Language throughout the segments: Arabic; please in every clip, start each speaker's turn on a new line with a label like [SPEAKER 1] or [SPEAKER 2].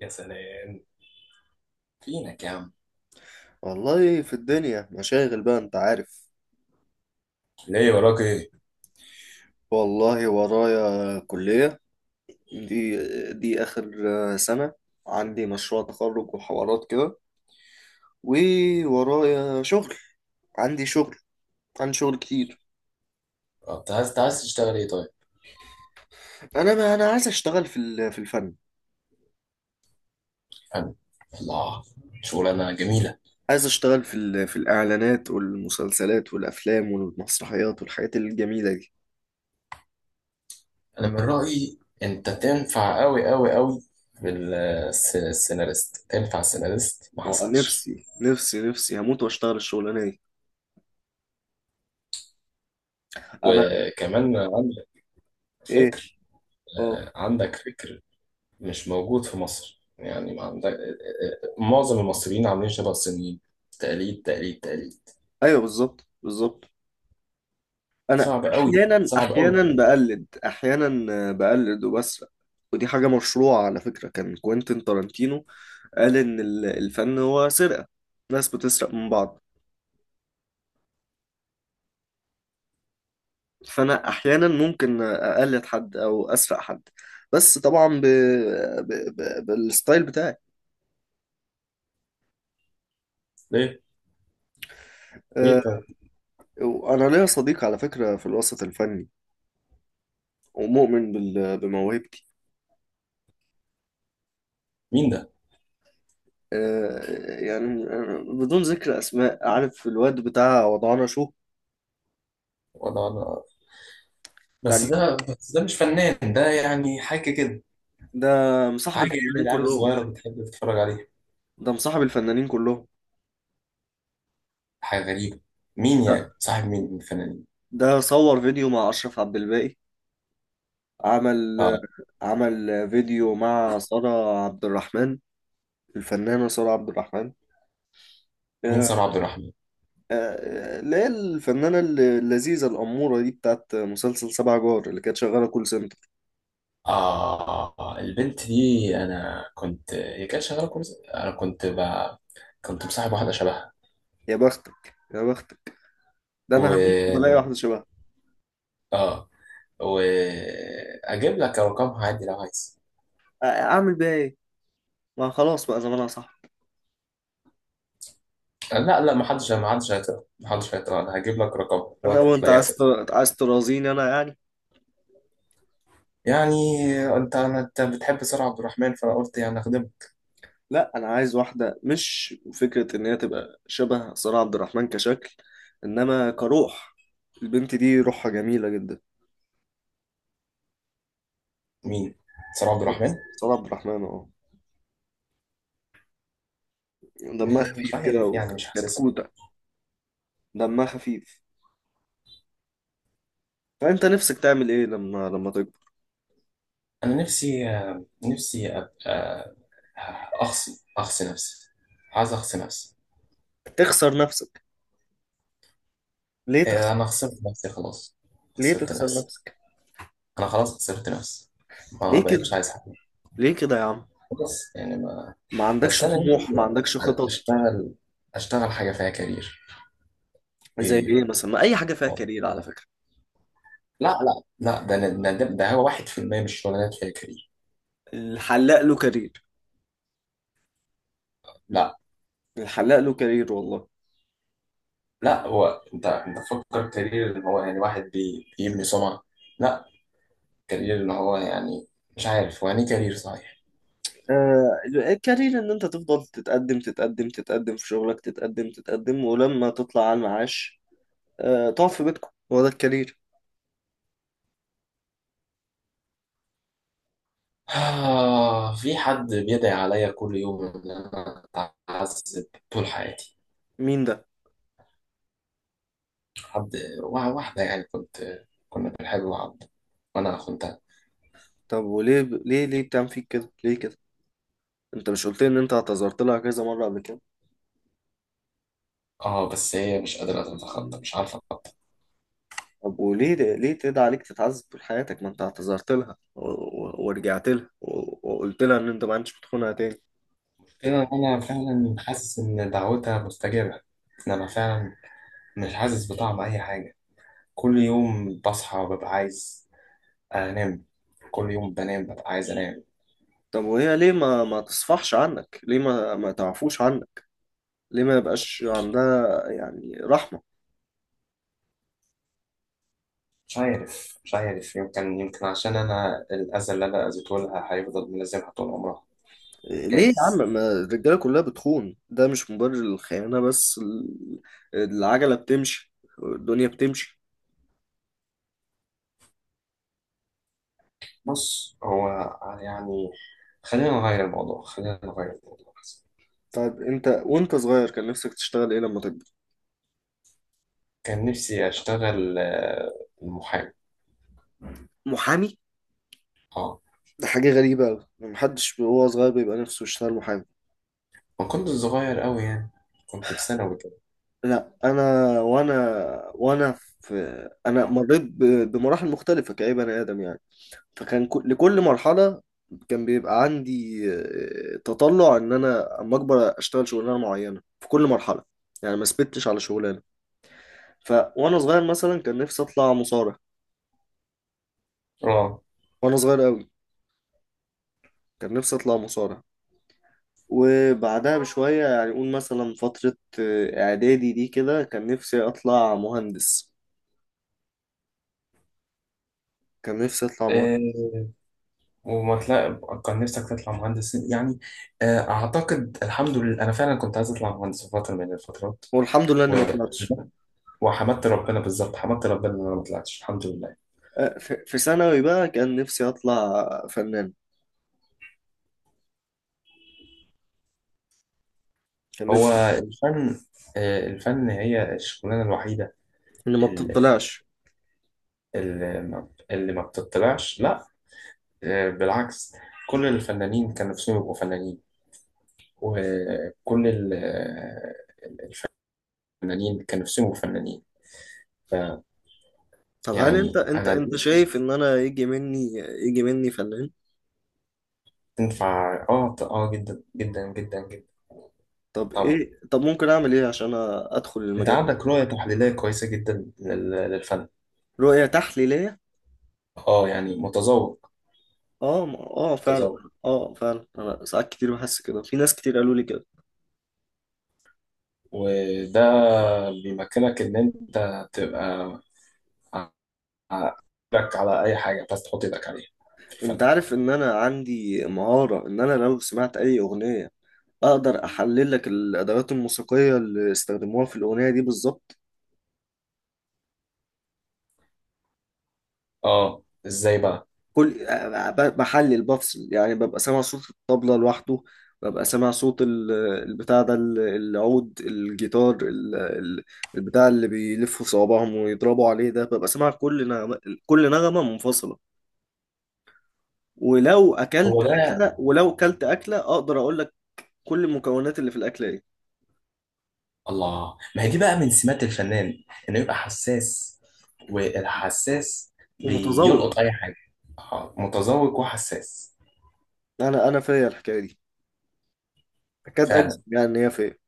[SPEAKER 1] يا سلام، فينك يا عم؟
[SPEAKER 2] والله في الدنيا مشاغل بقى، انت عارف.
[SPEAKER 1] ليه وراك ايه؟
[SPEAKER 2] والله ورايا كلية. دي دي آخر سنة. عندي مشروع تخرج وحوارات كده، وورايا شغل. عندي شغل. عندي شغل كتير.
[SPEAKER 1] انت عايز تشتغل ايه طيب؟
[SPEAKER 2] انا ما انا عايز اشتغل في الفن.
[SPEAKER 1] حلو. الله. شغلانة جميلة.
[SPEAKER 2] عايز اشتغل في الاعلانات والمسلسلات والافلام والمسرحيات والحاجات الجميلة دي.
[SPEAKER 1] انا من رأيي انت تنفع قوي قوي قوي بالسيناريست، تنفع سيناريست ما حصلش.
[SPEAKER 2] نفسي هموت واشتغل الشغلانة دي. انا،
[SPEAKER 1] وكمان عندك
[SPEAKER 2] ايه،
[SPEAKER 1] فكر.
[SPEAKER 2] اه،
[SPEAKER 1] عندك فكر مش موجود في مصر، يعني ما عندك. معظم المصريين عاملين شبه الصينيين، تقليد تقليد تقليد.
[SPEAKER 2] ايوه بالظبط بالظبط. انا
[SPEAKER 1] صعب قوي،
[SPEAKER 2] احيانا
[SPEAKER 1] صعب قوي.
[SPEAKER 2] احيانا بقلد، احيانا بقلد وبسرق. ودي حاجة مشروعة على فكرة، كان كوينتين تارانتينو قال ان الفن هو سرقة. ناس بتسرق من بعض، فانا احيانا ممكن اقلد حد او اسرق حد، بس طبعا بالستايل بتاعي.
[SPEAKER 1] ليه؟
[SPEAKER 2] آه،
[SPEAKER 1] ليه طيب؟
[SPEAKER 2] انا ليا صديق على فكرة في الوسط الفني، ومؤمن بموهبتي.
[SPEAKER 1] مين ده؟
[SPEAKER 2] يعني بدون ذكر اسماء، عارف الواد بتاع وضعنا شو.
[SPEAKER 1] ولا. بس
[SPEAKER 2] بتاع،
[SPEAKER 1] ده بس ده مش فنان، ده يعني حاجة كده.
[SPEAKER 2] ده مصاحب
[SPEAKER 1] حاجة يعني
[SPEAKER 2] الفنانين
[SPEAKER 1] العيال
[SPEAKER 2] كلهم.
[SPEAKER 1] الصغيرة بتحب تتفرج عليها،
[SPEAKER 2] ده مصاحب الفنانين كلهم.
[SPEAKER 1] حاجة غريبة. مين
[SPEAKER 2] ده,
[SPEAKER 1] يعني صاحب مين من الفنانين؟
[SPEAKER 2] ده صور فيديو مع أشرف عبد الباقي. عمل،
[SPEAKER 1] اه.
[SPEAKER 2] عمل فيديو مع سارة عبد الرحمن، الفنانة سارة عبد الرحمن.
[SPEAKER 1] مين
[SPEAKER 2] آه،
[SPEAKER 1] سارة عبد الرحمن؟
[SPEAKER 2] اللي هي الفنانة اللذيذة الأمورة دي، بتاعت مسلسل سبع جار اللي كانت شغالة كول سنتر.
[SPEAKER 1] اه، البنت دي، انا كنت، هي كانت شغالة كويس، انا كنت مصاحب واحدة شبهها.
[SPEAKER 2] يا بختك يا بختك. ده أنا هموت وألاقي
[SPEAKER 1] و
[SPEAKER 2] واحدة شبهها.
[SPEAKER 1] اه واجيب لك رقمها عادي لو عايز.
[SPEAKER 2] أعمل بيها إيه؟ ما خلاص بقى زمانها صح.
[SPEAKER 1] لا لا، ما حدش هيطلع، ما حدش هيطلع، انا هجيب لك رقمها دلوقتي،
[SPEAKER 2] لو أنت
[SPEAKER 1] هتلاقيها
[SPEAKER 2] عايز
[SPEAKER 1] سهل.
[SPEAKER 2] عايز ترازيني أنا يعني.
[SPEAKER 1] يعني، انت بتحب سارة عبد الرحمن، فانا قلت يعني اخدمها.
[SPEAKER 2] لا انا عايز واحده مش فكره ان هي تبقى شبه سارة عبد الرحمن كشكل، انما كروح. البنت دي روحها جميله جدا.
[SPEAKER 1] مين؟ سلام عبد الرحمن؟
[SPEAKER 2] سارة عبد الرحمن، اه. دمها
[SPEAKER 1] مش
[SPEAKER 2] خفيف كده
[SPEAKER 1] عارف يعني، مش حاسسها.
[SPEAKER 2] وكتكوته. دمها خفيف. فانت نفسك تعمل ايه لما تكبر؟
[SPEAKER 1] انا نفسي، نفسي ابقى، اخصي نفسي، عايز اخصي نفسي.
[SPEAKER 2] تخسر نفسك؟ ليه تخسر؟
[SPEAKER 1] انا خسرت نفسي خلاص،
[SPEAKER 2] ليه
[SPEAKER 1] خسرت
[SPEAKER 2] تخسر
[SPEAKER 1] نفسي.
[SPEAKER 2] نفسك؟
[SPEAKER 1] انا خلاص خسرت نفسي، ما
[SPEAKER 2] ليه كده؟
[SPEAKER 1] بقتش عايز حاجه،
[SPEAKER 2] ليه كده يا عم؟
[SPEAKER 1] خلاص يعني ما.
[SPEAKER 2] ما عندكش
[SPEAKER 1] بس انا نفسي
[SPEAKER 2] طموح؟ ما عندكش خطط؟
[SPEAKER 1] اشتغل، اشتغل حاجه فيها كارير.
[SPEAKER 2] زي ايه مثلا؟ ما اي حاجه فيها
[SPEAKER 1] آه.
[SPEAKER 2] كارير على فكره.
[SPEAKER 1] لا لا لا، ده هو 1% من الشغلانات فيها كارير.
[SPEAKER 2] الحلاق له كارير.
[SPEAKER 1] لا.
[SPEAKER 2] الحلاق له كارير والله.
[SPEAKER 1] لا هو، انت فكر كارير ان هو يعني واحد بيبني سمعه، لا. كارير اللي هو يعني، مش عارف هو يعني إيه كارير صحيح.
[SPEAKER 2] الكارير ان انت تفضل تتقدم في شغلك، تتقدم ولما تطلع على المعاش تقعد في بيتكم، هو ده الكارير.
[SPEAKER 1] آه، في حد بيدعي عليا كل يوم إن أنا أتعذب طول حياتي.
[SPEAKER 2] مين ده؟
[SPEAKER 1] حد، واحدة يعني، كنت، كنا بنحب بعض وأنا خنتها.
[SPEAKER 2] طب وليه ليه ليه بتعمل فيك كده؟ ليه كده؟ انت مش قلت لي ان انت اعتذرت لها كذا مرة قبل كده؟
[SPEAKER 1] آه بس هي مش قادرة تتخطى، مش عارفة أتخطى.
[SPEAKER 2] طب وليه تدعي عليك تتعذب طول حياتك؟ ما انت اعتذرت لها ورجعت لها وقلت لها ان انت ما عندكش بتخونها تاني.
[SPEAKER 1] كده أنا فعلا حاسس إن دعوتها مستجابة، إن أنا فعلا مش حاسس بطعم أي حاجة. كل يوم بصحى ببقى عايز أنام، كل يوم بنام ببقى عايز أنام.
[SPEAKER 2] طب وهي ليه ما تصفحش عنك؟ ليه ما تعفوش عنك؟ ليه ما يبقاش عندها يعني رحمة؟
[SPEAKER 1] مش عارف، يمكن عشان أنا الأذى اللي أنا أذيته لها هيفضل ملازمها طول عمرها.
[SPEAKER 2] ليه يا
[SPEAKER 1] جايز.
[SPEAKER 2] عم؟ ما الرجاله كلها بتخون، ده مش مبرر للخيانه، بس العجله بتمشي، الدنيا بتمشي.
[SPEAKER 1] بص هو، يعني، خلينا نغير الموضوع، خلينا نغير الموضوع.
[SPEAKER 2] طيب انت وانت صغير كان نفسك تشتغل ايه لما تكبر؟
[SPEAKER 1] كان نفسي أشتغل محامي.
[SPEAKER 2] محامي؟
[SPEAKER 1] اه،
[SPEAKER 2] ده حاجه غريبه قوي، محدش وهو صغير بيبقى نفسه يشتغل محامي.
[SPEAKER 1] ما كنت صغير أوي يعني، كنت في ثانوي كده.
[SPEAKER 2] لا انا، وانا وانا في انا مريت بمراحل مختلفه كأي بني ادم يعني. فكان لكل مرحلة كان بيبقى عندي تطلع ان انا اما اكبر اشتغل شغلانة معينة في كل مرحلة. يعني ما ثبتش على شغلانة. ف وانا صغير مثلا كان نفسي اطلع مصارع.
[SPEAKER 1] اه.
[SPEAKER 2] وانا صغير قوي كان نفسي اطلع مصارع. وبعدها بشوية يعني قول مثلا فترة اعدادي دي كده، كان نفسي اطلع مهندس. كان نفسي اطلع مهندس.
[SPEAKER 1] آه، وما تلاقي، كان نفسك تطلع مهندس يعني. أعتقد الحمد لله أنا فعلا كنت عايز أطلع مهندس في فترة من الفترات،
[SPEAKER 2] والحمد لله اني
[SPEAKER 1] و-
[SPEAKER 2] ما طلعتش.
[SPEAKER 1] وحمدت ربنا، بالظبط حمدت ربنا إن أنا ما طلعتش الحمد لله.
[SPEAKER 2] في في ثانوي بقى كان نفسي اطلع فنان. كان
[SPEAKER 1] هو
[SPEAKER 2] نفسي
[SPEAKER 1] الفن، الفن هي الشغلانة الوحيدة
[SPEAKER 2] اني ما
[SPEAKER 1] ال-
[SPEAKER 2] بتطلعش.
[SPEAKER 1] اللي ما بتطلعش. لا، بالعكس، كل الفنانين كان نفسهم يبقوا فنانين، وكل الفنانين كان نفسهم يبقوا فنانين.
[SPEAKER 2] طب هل انت
[SPEAKER 1] يعني
[SPEAKER 2] انت
[SPEAKER 1] أنا
[SPEAKER 2] انت
[SPEAKER 1] الناس
[SPEAKER 2] شايف ان انا يجي مني، يجي مني فنان؟
[SPEAKER 1] تنفع، جدا جدا جدا جدا.
[SPEAKER 2] طب
[SPEAKER 1] طبعا،
[SPEAKER 2] ايه؟ طب ممكن اعمل ايه عشان ادخل
[SPEAKER 1] أنت
[SPEAKER 2] المجال ده؟
[SPEAKER 1] عندك رؤية تحليلية كويسة جدا للفن.
[SPEAKER 2] رؤية تحليلية؟
[SPEAKER 1] آه يعني متذوق.
[SPEAKER 2] اه، اه فعلا.
[SPEAKER 1] متذوق.
[SPEAKER 2] اه فعلا انا ساعات كتير بحس كده، في ناس كتير قالوا لي كده.
[SPEAKER 1] وده بيمكنك إن أنت تبقى ايدك على اي حاجه، بس تحط ايدك عليها في
[SPEAKER 2] انت
[SPEAKER 1] الفن.
[SPEAKER 2] عارف ان انا عندي مهارة ان انا لو سمعت اي اغنية اقدر احلل لك الادوات الموسيقية اللي استخدموها في الاغنية دي بالظبط.
[SPEAKER 1] اه، ازاي بقى؟
[SPEAKER 2] كل بحلل بفصل يعني، ببقى سامع صوت الطبلة لوحده، ببقى سامع صوت البتاع ده، العود، الجيتار، البتاع اللي بيلفوا صوابعهم ويضربوا عليه ده، ببقى سامع كل نغمة، كل نغمة منفصلة.
[SPEAKER 1] هو ده.
[SPEAKER 2] ولو أكلت أكلة أقدر أقول لك كل المكونات اللي في الأكلة إيه.
[SPEAKER 1] الله، ما هي دي بقى من سمات الفنان، انه يبقى حساس، والحساس
[SPEAKER 2] ومتذوق.
[SPEAKER 1] بيلقط اي حاجه. آه، متذوق وحساس.
[SPEAKER 2] أنا فيا الحكاية دي، أكاد أجزم
[SPEAKER 1] فعلا.
[SPEAKER 2] يعني إن هي فيا.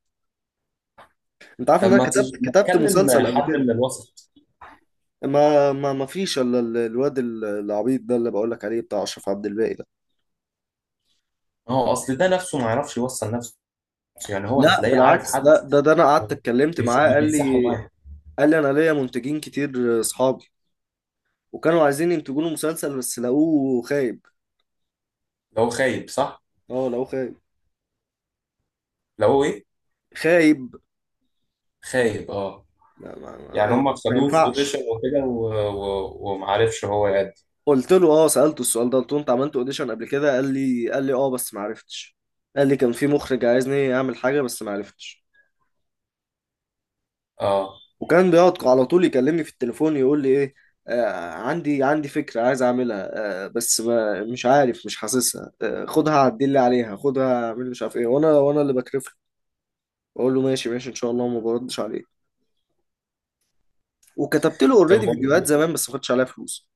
[SPEAKER 2] أنت عارف إن
[SPEAKER 1] طب
[SPEAKER 2] أنا كتبت
[SPEAKER 1] ما
[SPEAKER 2] كتبت
[SPEAKER 1] تكلم
[SPEAKER 2] مسلسل قبل
[SPEAKER 1] حد
[SPEAKER 2] كده.
[SPEAKER 1] من الوسط.
[SPEAKER 2] ما فيش الا الواد العبيط ده اللي بقول لك عليه، بتاع اشرف عبد الباقي ده.
[SPEAKER 1] ما هو اصل ده نفسه ما يعرفش يوصل نفسه، يعني هو
[SPEAKER 2] لا
[SPEAKER 1] هتلاقيه عارف
[SPEAKER 2] بالعكس،
[SPEAKER 1] حد؟
[SPEAKER 2] ده انا قعدت اتكلمت معاه، قال لي،
[SPEAKER 1] بيكسحه معاه.
[SPEAKER 2] قال لي انا ليا منتجين كتير اصحابي، وكانوا عايزين ينتجوا له مسلسل بس لقوه خايب.
[SPEAKER 1] لو خايب صح.
[SPEAKER 2] اه لقوه خايب.
[SPEAKER 1] لو هو ايه؟
[SPEAKER 2] خايب.
[SPEAKER 1] خايب، اه.
[SPEAKER 2] لا
[SPEAKER 1] يعني هم
[SPEAKER 2] ما
[SPEAKER 1] خدوه في اوديشن
[SPEAKER 2] ينفعش.
[SPEAKER 1] وكده ومعرفش هو يأدي.
[SPEAKER 2] قلت له، اه سألته السؤال ده، قلت له انت عملت اوديشن قبل كده؟ قال لي، قال لي اه بس ما عرفتش. قال لي كان في مخرج عايزني اعمل حاجة بس ما عرفتش.
[SPEAKER 1] اه.
[SPEAKER 2] وكان بيقعد على طول يكلمني في التليفون يقول لي ايه، آه عندي فكرة عايز اعملها، آه بس ما، مش عارف، مش حاسسها، آه خدها عدل لي عليها، خدها اعمل مش عارف ايه. وانا اللي بكرف له، اقول له ماشي ان شاء الله وما بردش عليه. وكتبت له
[SPEAKER 1] طب
[SPEAKER 2] اوريدي
[SPEAKER 1] هو،
[SPEAKER 2] فيديوهات زمان بس ما خدتش عليها فلوس.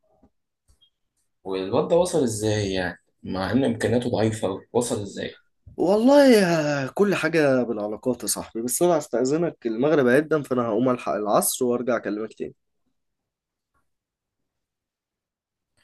[SPEAKER 1] والواد ده وصل ازاي يعني، مع ان امكانياته ضعيفه أوي؟ وصل ازاي؟
[SPEAKER 2] والله يا، كل حاجة بالعلاقات يا صاحبي، بس انا هستأذنك المغرب هيبدأ فانا هقوم الحق العصر وارجع اكلمك تاني.